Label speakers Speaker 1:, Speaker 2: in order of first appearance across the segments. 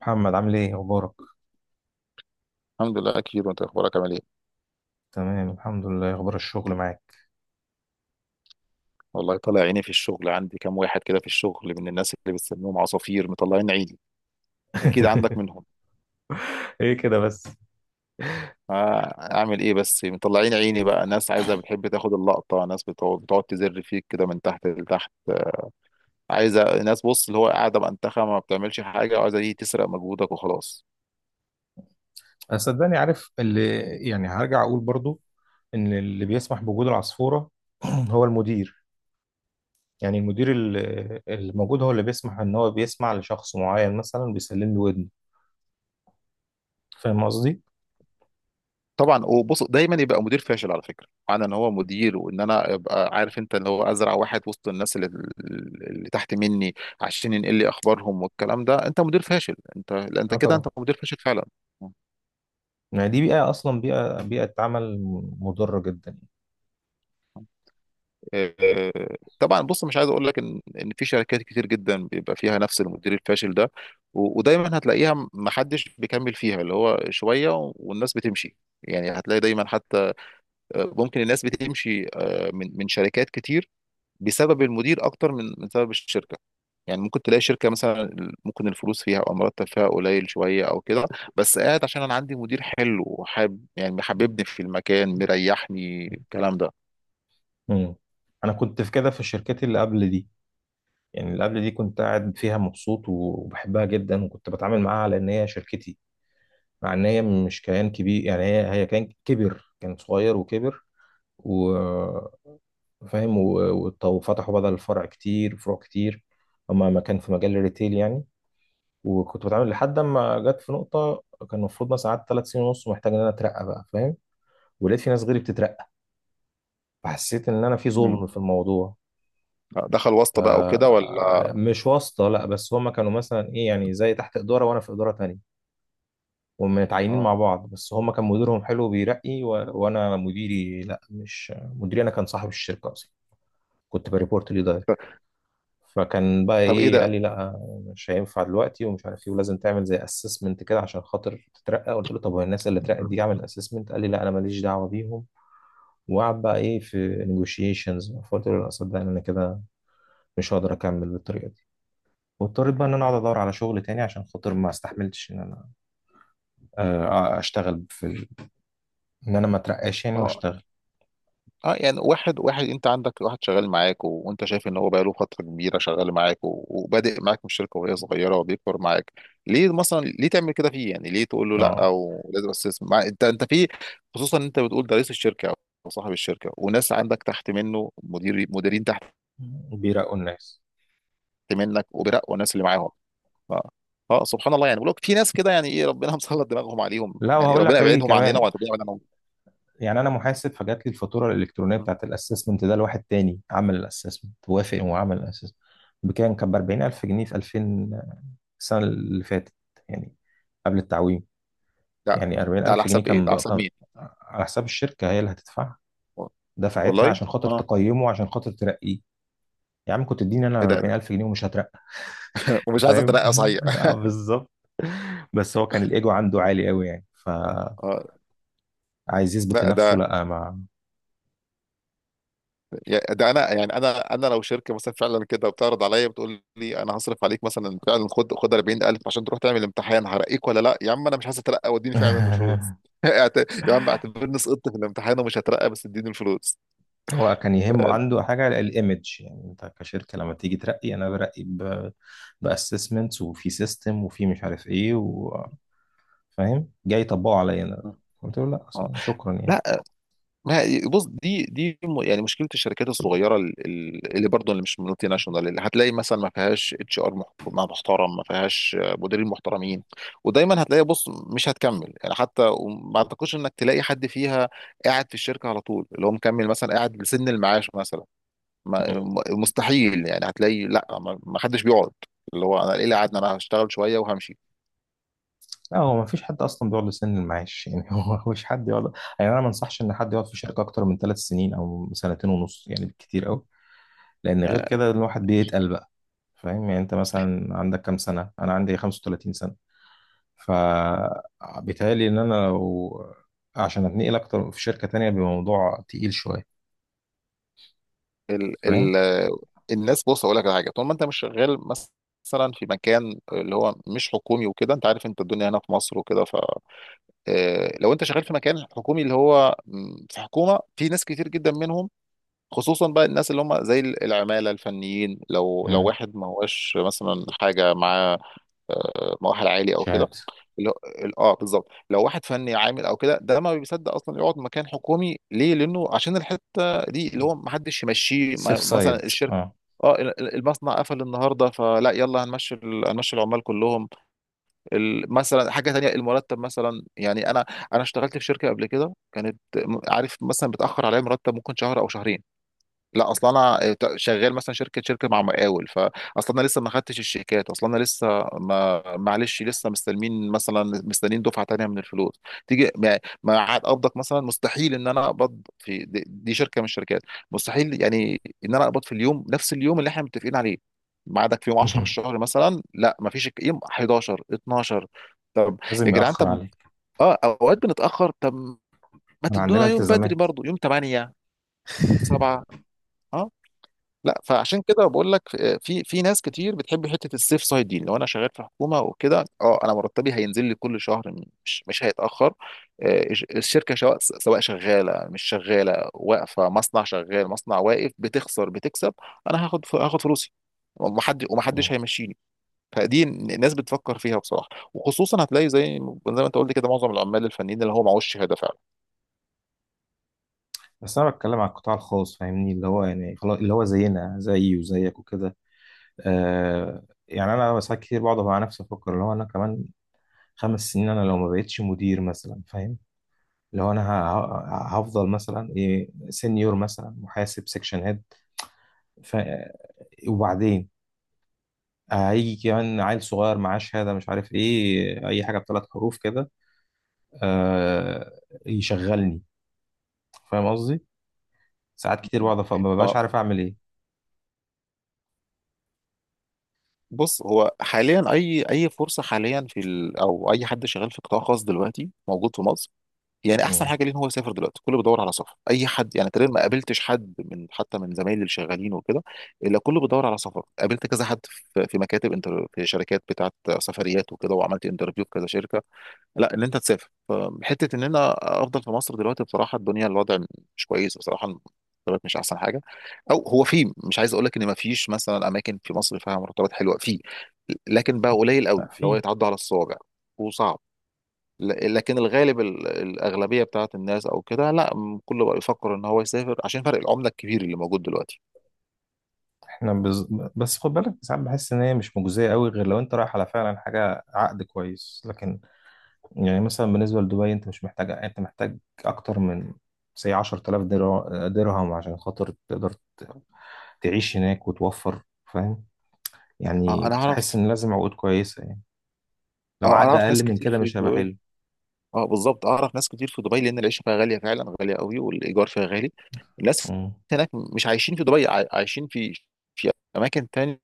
Speaker 1: محمد، عامل ايه اخبارك؟
Speaker 2: الحمد لله اكيد. وانت اخبارك عامل ايه؟
Speaker 1: تمام الحمد لله. إيه اخبار الشغل معاك؟
Speaker 2: والله طالع عيني في الشغل. عندي كام واحد كده في الشغل من الناس اللي بتسميهم عصافير، مطلعين عيني. اكيد عندك منهم.
Speaker 1: ايه كده بس؟
Speaker 2: آه، اعمل ايه بس؟ مطلعين عيني بقى. ناس عايزه بتحب تاخد اللقطه، ناس بتقعد تزر فيك كده من تحت لتحت. عايزه ناس بص اللي هو قاعده بانتخه ما بتعملش حاجه، وعايزه دي تسرق مجهودك وخلاص.
Speaker 1: صدقني عارف اللي يعني هرجع اقول برضو ان اللي بيسمح بوجود العصفورة. هو المدير. يعني المدير الموجود هو اللي بيسمح ان هو بيسمع لشخص معين مثلا بيسلم له ودنه. فاهم قصدي؟
Speaker 2: طبعا. وبص، دايما يبقى مدير فاشل على فكره. معنى ان هو مدير وان انا ابقى عارف انت اللي هو ازرع واحد وسط الناس اللي تحت مني عشان ينقل لي اخبارهم، والكلام ده انت مدير فاشل. انت لا، انت
Speaker 1: اه
Speaker 2: كده
Speaker 1: طبعا.
Speaker 2: انت مدير فاشل فعلا.
Speaker 1: يعني دي بيئة، اصلا بيئة عمل مضرة جدا.
Speaker 2: آه، طبعا. بص، مش عايز اقول لك ان في شركات كتير جدا بيبقى فيها نفس المدير الفاشل ده. و- ودايما هتلاقيها ما حدش بيكمل فيها، اللي هو شويه والناس بتمشي. يعني هتلاقي دايما حتى ممكن الناس بتمشي، من شركات كتير بسبب المدير اكتر من سبب الشركه. يعني ممكن تلاقي شركه مثلا ممكن الفلوس فيها او المرتب فيها قليل شويه او كده، بس قاعد عشان انا عندي مدير حلو وحاب، يعني محببني في المكان، مريحني الكلام ده.
Speaker 1: مم. انا كنت في كده في الشركات اللي قبل دي. يعني اللي قبل دي كنت قاعد فيها مبسوط وبحبها جدا، وكنت بتعامل معاها على ان هي شركتي، مع ان هي مش كيان كبير. يعني هي كيان كبر، كان صغير وكبر. و، فاهم، وفتحوا بدل الفرع كتير فروع كتير. هما ما كان في مجال الريتيل يعني. وكنت بتعامل لحد ما جت في نقطة، كان المفروض مثلا قعدت 3 سنين ونص ومحتاج ان انا اترقى بقى. فاهم؟ ولقيت في ناس غيري بتترقى، فحسيت ان انا في
Speaker 2: مم.
Speaker 1: ظلم في الموضوع.
Speaker 2: دخل واسطه بقى وكده
Speaker 1: آه،
Speaker 2: ولا؟
Speaker 1: مش واسطة، لا، بس هما كانوا مثلا ايه، يعني زي تحت إدارة وانا في إدارة تانية، ومتعينين
Speaker 2: اه.
Speaker 1: مع بعض، بس هما كان مديرهم حلو بيرقي. و... وانا مديري، لا، مش مديري، انا كان صاحب الشركة اصلا. كنت بريبورت ليه دايركت. فكان بقى
Speaker 2: طب ايه
Speaker 1: ايه، قال
Speaker 2: ده؟
Speaker 1: لي لا، مش هينفع دلوقتي ومش عارف ايه، ولازم تعمل زي اسسمنت كده عشان خاطر تترقى. قلت له طب هو الناس اللي اترقت دي عملت اسسمنت؟ قال لي لا، انا ماليش دعوة بيهم. وقعد بقى ايه في نيجوشيشنز، فقلت له لا صدقني انا كده مش هقدر اكمل بالطريقة دي. واضطريت بقى ان انا اقعد ادور على شغل تاني عشان خاطر ما استحملتش ان انا اشتغل في ان انا ما اترقاش يعني
Speaker 2: ما هو
Speaker 1: واشتغل.
Speaker 2: اه. يعني واحد واحد، انت عندك واحد شغال معاك وانت شايف ان هو بقاله فتره كبيره شغال معاك وبادئ معاك من الشركه وهي صغيره وبيكبر معاك. ليه مثلا ليه تعمل كده فيه؟ يعني ليه تقول له لا،
Speaker 1: اه
Speaker 2: او لازم استثمر انت في، خصوصا ان انت بتقول ده رئيس الشركه او صاحب الشركه، وناس عندك تحت منه مدير، مديرين تحت
Speaker 1: بيرقوا الناس.
Speaker 2: منك وبراء، والناس اللي معاهم. اه, آه، سبحان الله. يعني بقول لك في ناس كده، يعني ايه ربنا مسلط دماغهم عليهم.
Speaker 1: لا،
Speaker 2: يعني
Speaker 1: وهقول
Speaker 2: ربنا
Speaker 1: لك ايه
Speaker 2: يبعدهم عننا،
Speaker 1: كمان.
Speaker 2: وعن ربنا يبعد عنهم.
Speaker 1: يعني انا محاسب، فجات لي الفاتوره الالكترونيه بتاعت الاسسمنت ده لواحد تاني عمل الاسسمنت، وافق وعمل الاسسمنت. بكام؟ كان ب 40,000 جنيه في 2000، السنه اللي فاتت يعني، قبل التعويم.
Speaker 2: لا.
Speaker 1: يعني
Speaker 2: ده على
Speaker 1: 40,000 جنيه
Speaker 2: حساب ايه؟
Speaker 1: كان
Speaker 2: ده على
Speaker 1: بقى
Speaker 2: حساب
Speaker 1: كان
Speaker 2: مين؟
Speaker 1: على حساب الشركه، هي اللي هتدفعها. دفعتها
Speaker 2: والله.
Speaker 1: عشان خاطر
Speaker 2: اه.
Speaker 1: تقيمه عشان خاطر ترقيه. يا عم كنت اديني انا
Speaker 2: ايه ده؟
Speaker 1: 40,000 جنيه ومش هترقى.
Speaker 2: ومش عايز
Speaker 1: فاهم؟
Speaker 2: اترقى صحيح.
Speaker 1: آه، بالظبط. بس هو كان الايجو عنده عالي قوي يعني، فعايز
Speaker 2: اه.
Speaker 1: يثبت
Speaker 2: لا،
Speaker 1: لنفسه،
Speaker 2: ده
Speaker 1: لا ما.
Speaker 2: ده انا يعني، انا لو شركه مثلا فعلا كده بتعرض عليا، بتقول لي انا هصرف عليك مثلا فعلا، خد خد 40,000 عشان تروح تعمل امتحان هرقيك، ولا لا يا عم انا مش عايز اترقى واديني فعلا الفلوس. اعت- يا عم، اعتبرني سقطت في الامتحان ومش هترقى، بس اديني الفلوس.
Speaker 1: هو كان يهمه
Speaker 2: آه.
Speaker 1: عنده حاجه الايمج. يعني انت كشركه لما تيجي ترقي انا برقي باسسمنتس، وفي سيستم، وفي مش عارف ايه فاهم، جاي يطبقه عليا انا. قلت له لا،
Speaker 2: آه.
Speaker 1: أصلاً شكرا يعني.
Speaker 2: لا. بص، دي يعني مشكله الشركات الصغيره، اللي برضه اللي مش مالتي ناشونال، اللي هتلاقي مثلا ما فيهاش اتش ار محترم، ما فيهاش مديرين محترمين. ودايما هتلاقي، بص مش هتكمل، يعني حتى وما اعتقدش انك تلاقي حد فيها قاعد في الشركه على طول، اللي هو مكمل مثلا قاعد لسن المعاش مثلا. مستحيل. يعني هتلاقي لا، ما ما حدش بيقعد. اللي هو انا ايه اللي قعدنا؟ انا هشتغل شويه وهمشي.
Speaker 1: لا، هو ما فيش حد اصلا بيقعد لسن المعاش يعني. هو مش حد يقعد. يعني انا ما انصحش ان حد يقعد في شركه اكتر من 3 سنين او سنتين ونص يعني، بالكتير قوي. لان غير كده الواحد بيتقل بقى. فاهم؟ يعني انت مثلا عندك كام سنه؟ انا عندي 35 سنه. فبيتهيألي ان انا لو عشان اتنقل اكتر في شركه تانية بموضوع تقيل شويه.
Speaker 2: ال
Speaker 1: فاهم؟
Speaker 2: الناس، بص اقول لك على حاجه، طول ما انت مش شغال مثلا في مكان اللي هو مش حكومي وكده، انت عارف انت الدنيا هنا في مصر وكده، ف لو انت شغال في مكان حكومي اللي هو م، في حكومه، في ناس كتير جدا منهم، خصوصا بقى الناس اللي هم زي العماله الفنيين، لو
Speaker 1: امم.
Speaker 2: واحد ما هوش مثلا حاجه معاه، مؤهل عالي او كده،
Speaker 1: شهاده.
Speaker 2: اللي هو اه بالظبط. لو واحد فني عامل او كده، ده ما بيصدق اصلا يقعد مكان حكومي. ليه؟ لانه عشان الحته دي اللي هو ما حدش يمشيه.
Speaker 1: سيف
Speaker 2: مثلا
Speaker 1: سايد،
Speaker 2: الشركه
Speaker 1: اه.
Speaker 2: اه، المصنع قفل النهارده، فلا يلا هنمشي هنمشي العمال كلهم. مثلا حاجه تانية، المرتب مثلا. يعني انا، انا اشتغلت في شركه قبل كده كانت عارف مثلا بتاخر عليا مرتب ممكن شهر او شهرين. لا اصلا، انا شغال مثلا شركه، شركه مع مقاول، فاصلا انا لسه ما خدتش الشيكات. اصلا انا لسه، ما معلش، لسه مستلمين مثلا، مستنيين دفعه تانية من الفلوس تيجي ما ما عاد قبضك مثلا. مستحيل ان انا اقبض في دي شركه من الشركات. مستحيل يعني ان انا اقبض في اليوم نفس اليوم اللي احنا متفقين عليه. ميعادك في يوم 10 في الشهر مثلا، لا ما فيش يوم 11 12. طب يا
Speaker 1: لازم
Speaker 2: جدعان،
Speaker 1: يأخر
Speaker 2: طب
Speaker 1: عليك.
Speaker 2: اه اوقات بنتاخر، طب ما
Speaker 1: انا عندنا
Speaker 2: تدونا يوم بدري
Speaker 1: التزامات.
Speaker 2: برضو، يوم 8، يوم 7. لا فعشان كده بقول لك في في ناس كتير بتحب حته السيف سايد دي. لو انا شغال في حكومه وكده، اه انا مرتبي هينزل لي كل شهر، مش هيتاخر. آه، الشركه سواء شغاله مش شغاله، واقفه، مصنع شغال مصنع واقف، بتخسر بتكسب، انا هاخد فلوسي، ومحد ومحدش هيمشيني. فدي الناس بتفكر فيها بصراحه. وخصوصا هتلاقي، زي زي ما انت قلت كده، معظم العمال الفنيين اللي هو معهوش شهاده فعلا.
Speaker 1: بس انا بتكلم على القطاع الخاص، فاهمني، اللي هو يعني خلاص اللي هو زينا، زيي وزيك وكده. آه، يعني انا ساعات كتير بقعد مع نفسي افكر اللي هو انا كمان 5 سنين، انا لو ما بقتش مدير مثلا، فاهم، اللي هو انا هفضل مثلا ايه، سenior مثلا، محاسب سكشن هيد. ف، وبعدين هيجي كمان عيل صغير معاه شهاده مش عارف ايه، اي حاجه بثلاث حروف كده. آه. يشغلني. فاهم قصدي؟ ساعات كتير بقعد ما ببقاش
Speaker 2: اه.
Speaker 1: عارف اعمل ايه.
Speaker 2: بص هو حاليا اي فرصه حاليا في او اي حد شغال في قطاع خاص دلوقتي موجود في مصر، يعني احسن
Speaker 1: مم.
Speaker 2: حاجه ليه ان هو يسافر دلوقتي. كله بيدور على سفر، اي حد يعني. تقريبا ما قابلتش حد من، حتى من زمايلي اللي شغالين وكده، الا كله بيدور على سفر. قابلت كذا حد في مكاتب انتر، في شركات بتاعت سفريات وكده، وعملت انترفيو في كذا شركه. لا ان انت تسافر فحته، ان انا افضل في مصر دلوقتي بصراحه. الدنيا، الوضع مش كويس بصراحه، المرتبات مش احسن حاجه. او هو، في، مش عايز اقول لك ان ما فيش مثلا اماكن في مصر فيها مرتبات حلوه في، لكن بقى قليل
Speaker 1: ما
Speaker 2: قوي اللي هو
Speaker 1: في.
Speaker 2: يتعدى على الصوابع وصعب. لكن الغالب، الأغلبية بتاعت الناس أو كده لا، كله بقى يفكر إن هو يسافر عشان فرق العملة الكبير اللي موجود دلوقتي.
Speaker 1: احنا بس خد بالك ساعات بحس ان هي مش مجزيه قوي غير لو انت رايح على فعلا حاجه عقد كويس. لكن يعني مثلا بالنسبه لدبي انت مش محتاج، انت محتاج اكتر من سي 10000 درهم عشان خاطر تقدر تعيش هناك وتوفر. فاهم؟
Speaker 2: أه أنا
Speaker 1: يعني
Speaker 2: أعرف.
Speaker 1: بحس ان لازم عقود كويسه يعني.
Speaker 2: أه
Speaker 1: لو
Speaker 2: أنا
Speaker 1: عقد
Speaker 2: أعرف
Speaker 1: اقل
Speaker 2: ناس
Speaker 1: من
Speaker 2: كتير
Speaker 1: كده
Speaker 2: في
Speaker 1: مش هيبقى حلو.
Speaker 2: دبي. أه بالظبط، أعرف ناس كتير في دبي لأن العيشة فيها غالية فعلا، غالية قوي، والإيجار فيها غالي. الناس
Speaker 1: مم.
Speaker 2: هناك مش عايشين في دبي، عايشين في، في أماكن تانية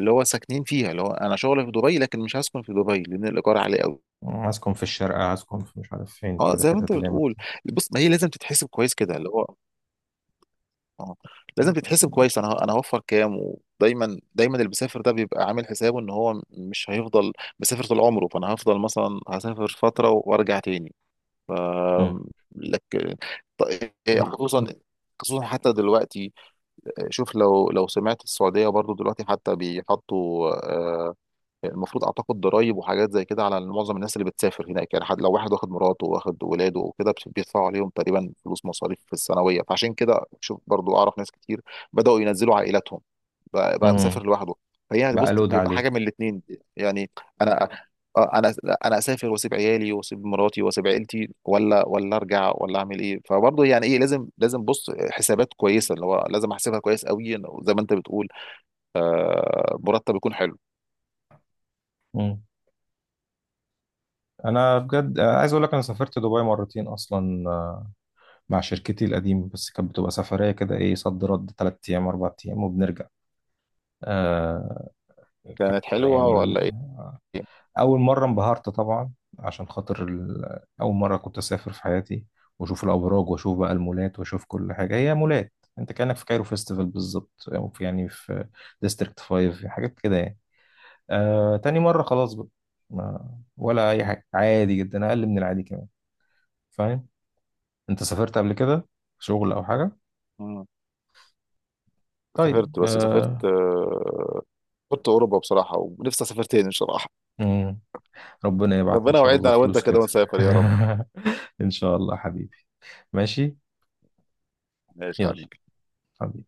Speaker 2: اللي هو ساكنين فيها. اللي هو أنا شغلي في دبي، لكن مش هسكن في دبي لأن الإيجار عالي قوي.
Speaker 1: هسكن في الشارقه، هسكن في مش عارف فين،
Speaker 2: أه
Speaker 1: كده
Speaker 2: زي ما أنت
Speaker 1: حتت اللي هي
Speaker 2: بتقول. بص ما هي لازم تتحسب كويس كده، اللي هو اه لازم تتحسب كويس. انا هوفر كام. ودايما اللي بيسافر ده بيبقى عامل حسابه ان هو مش هيفضل مسافر طول عمره، فانا هفضل مثلا هسافر فتره وارجع تاني.
Speaker 1: مم.
Speaker 2: لك ط- خصوصا، خصوصا حتى دلوقتي شوف، لو سمعت السعوديه برضو دلوقتي حتى بيحطوا، المفروض اعتقد ضرايب وحاجات زي كده على معظم الناس اللي بتسافر هناك. يعني حد لو واحد واخد مراته واخد ولاده وكده، بيدفعوا عليهم تقريبا فلوس مصاريف في السنويه. فعشان كده شوف برضو، اعرف ناس كتير بداوا ينزلوا عائلاتهم، بقى
Speaker 1: مم.
Speaker 2: مسافر لوحده. فهي يعني،
Speaker 1: بقى
Speaker 2: بص
Speaker 1: لود
Speaker 2: بيبقى
Speaker 1: عليه.
Speaker 2: حاجه من الاثنين. يعني انا، انا، انا اسافر واسيب عيالي واسيب مراتي واسيب عيلتي، ولا ولا ارجع، ولا اعمل ايه؟ فبرضه يعني ايه، لازم، لازم بص حسابات كويسه اللي هو لازم احسبها كويس قوي، زي ما انت بتقول، مرتب يكون حلو.
Speaker 1: مم. انا بجد عايز اقول لك انا سافرت دبي مرتين اصلا مع شركتي القديمة. بس كانت بتبقى سفرية كده، إيه، صد رد، 3 أيام 4 أيام وبنرجع. آه. كان
Speaker 2: كانت حلوه
Speaker 1: يعني
Speaker 2: ولا ايه؟
Speaker 1: أول مرة انبهرت طبعا، عشان خاطر أول مرة كنت أسافر في حياتي. وأشوف الأبراج، وأشوف بقى المولات، وأشوف كل حاجة هي مولات. أنت كأنك في كايرو فيستيفال بالظبط، أو في يعني في ديستريكت 5 حاجات كده يعني. آه. تاني مرة خلاص بقى، ما، ولا أي حاجة، عادي جدا، أقل من العادي كمان. فاهم؟ أنت سافرت قبل كده، شغل أو حاجة؟
Speaker 2: مم.
Speaker 1: طيب.
Speaker 2: سافرت، بس سافرت
Speaker 1: آه.
Speaker 2: سافرت اوروبا بصراحه، ونفسي اسافر تاني بصراحه.
Speaker 1: مم. ربنا يبعت ان
Speaker 2: ربنا
Speaker 1: شاء
Speaker 2: يوعدنا
Speaker 1: الله
Speaker 2: انا وانت
Speaker 1: فلوس كده.
Speaker 2: كده ونسافر يا رب.
Speaker 1: ان شاء الله حبيبي. ماشي.
Speaker 2: ماشي يا
Speaker 1: يلا.
Speaker 2: حبيبي.
Speaker 1: حبيبي.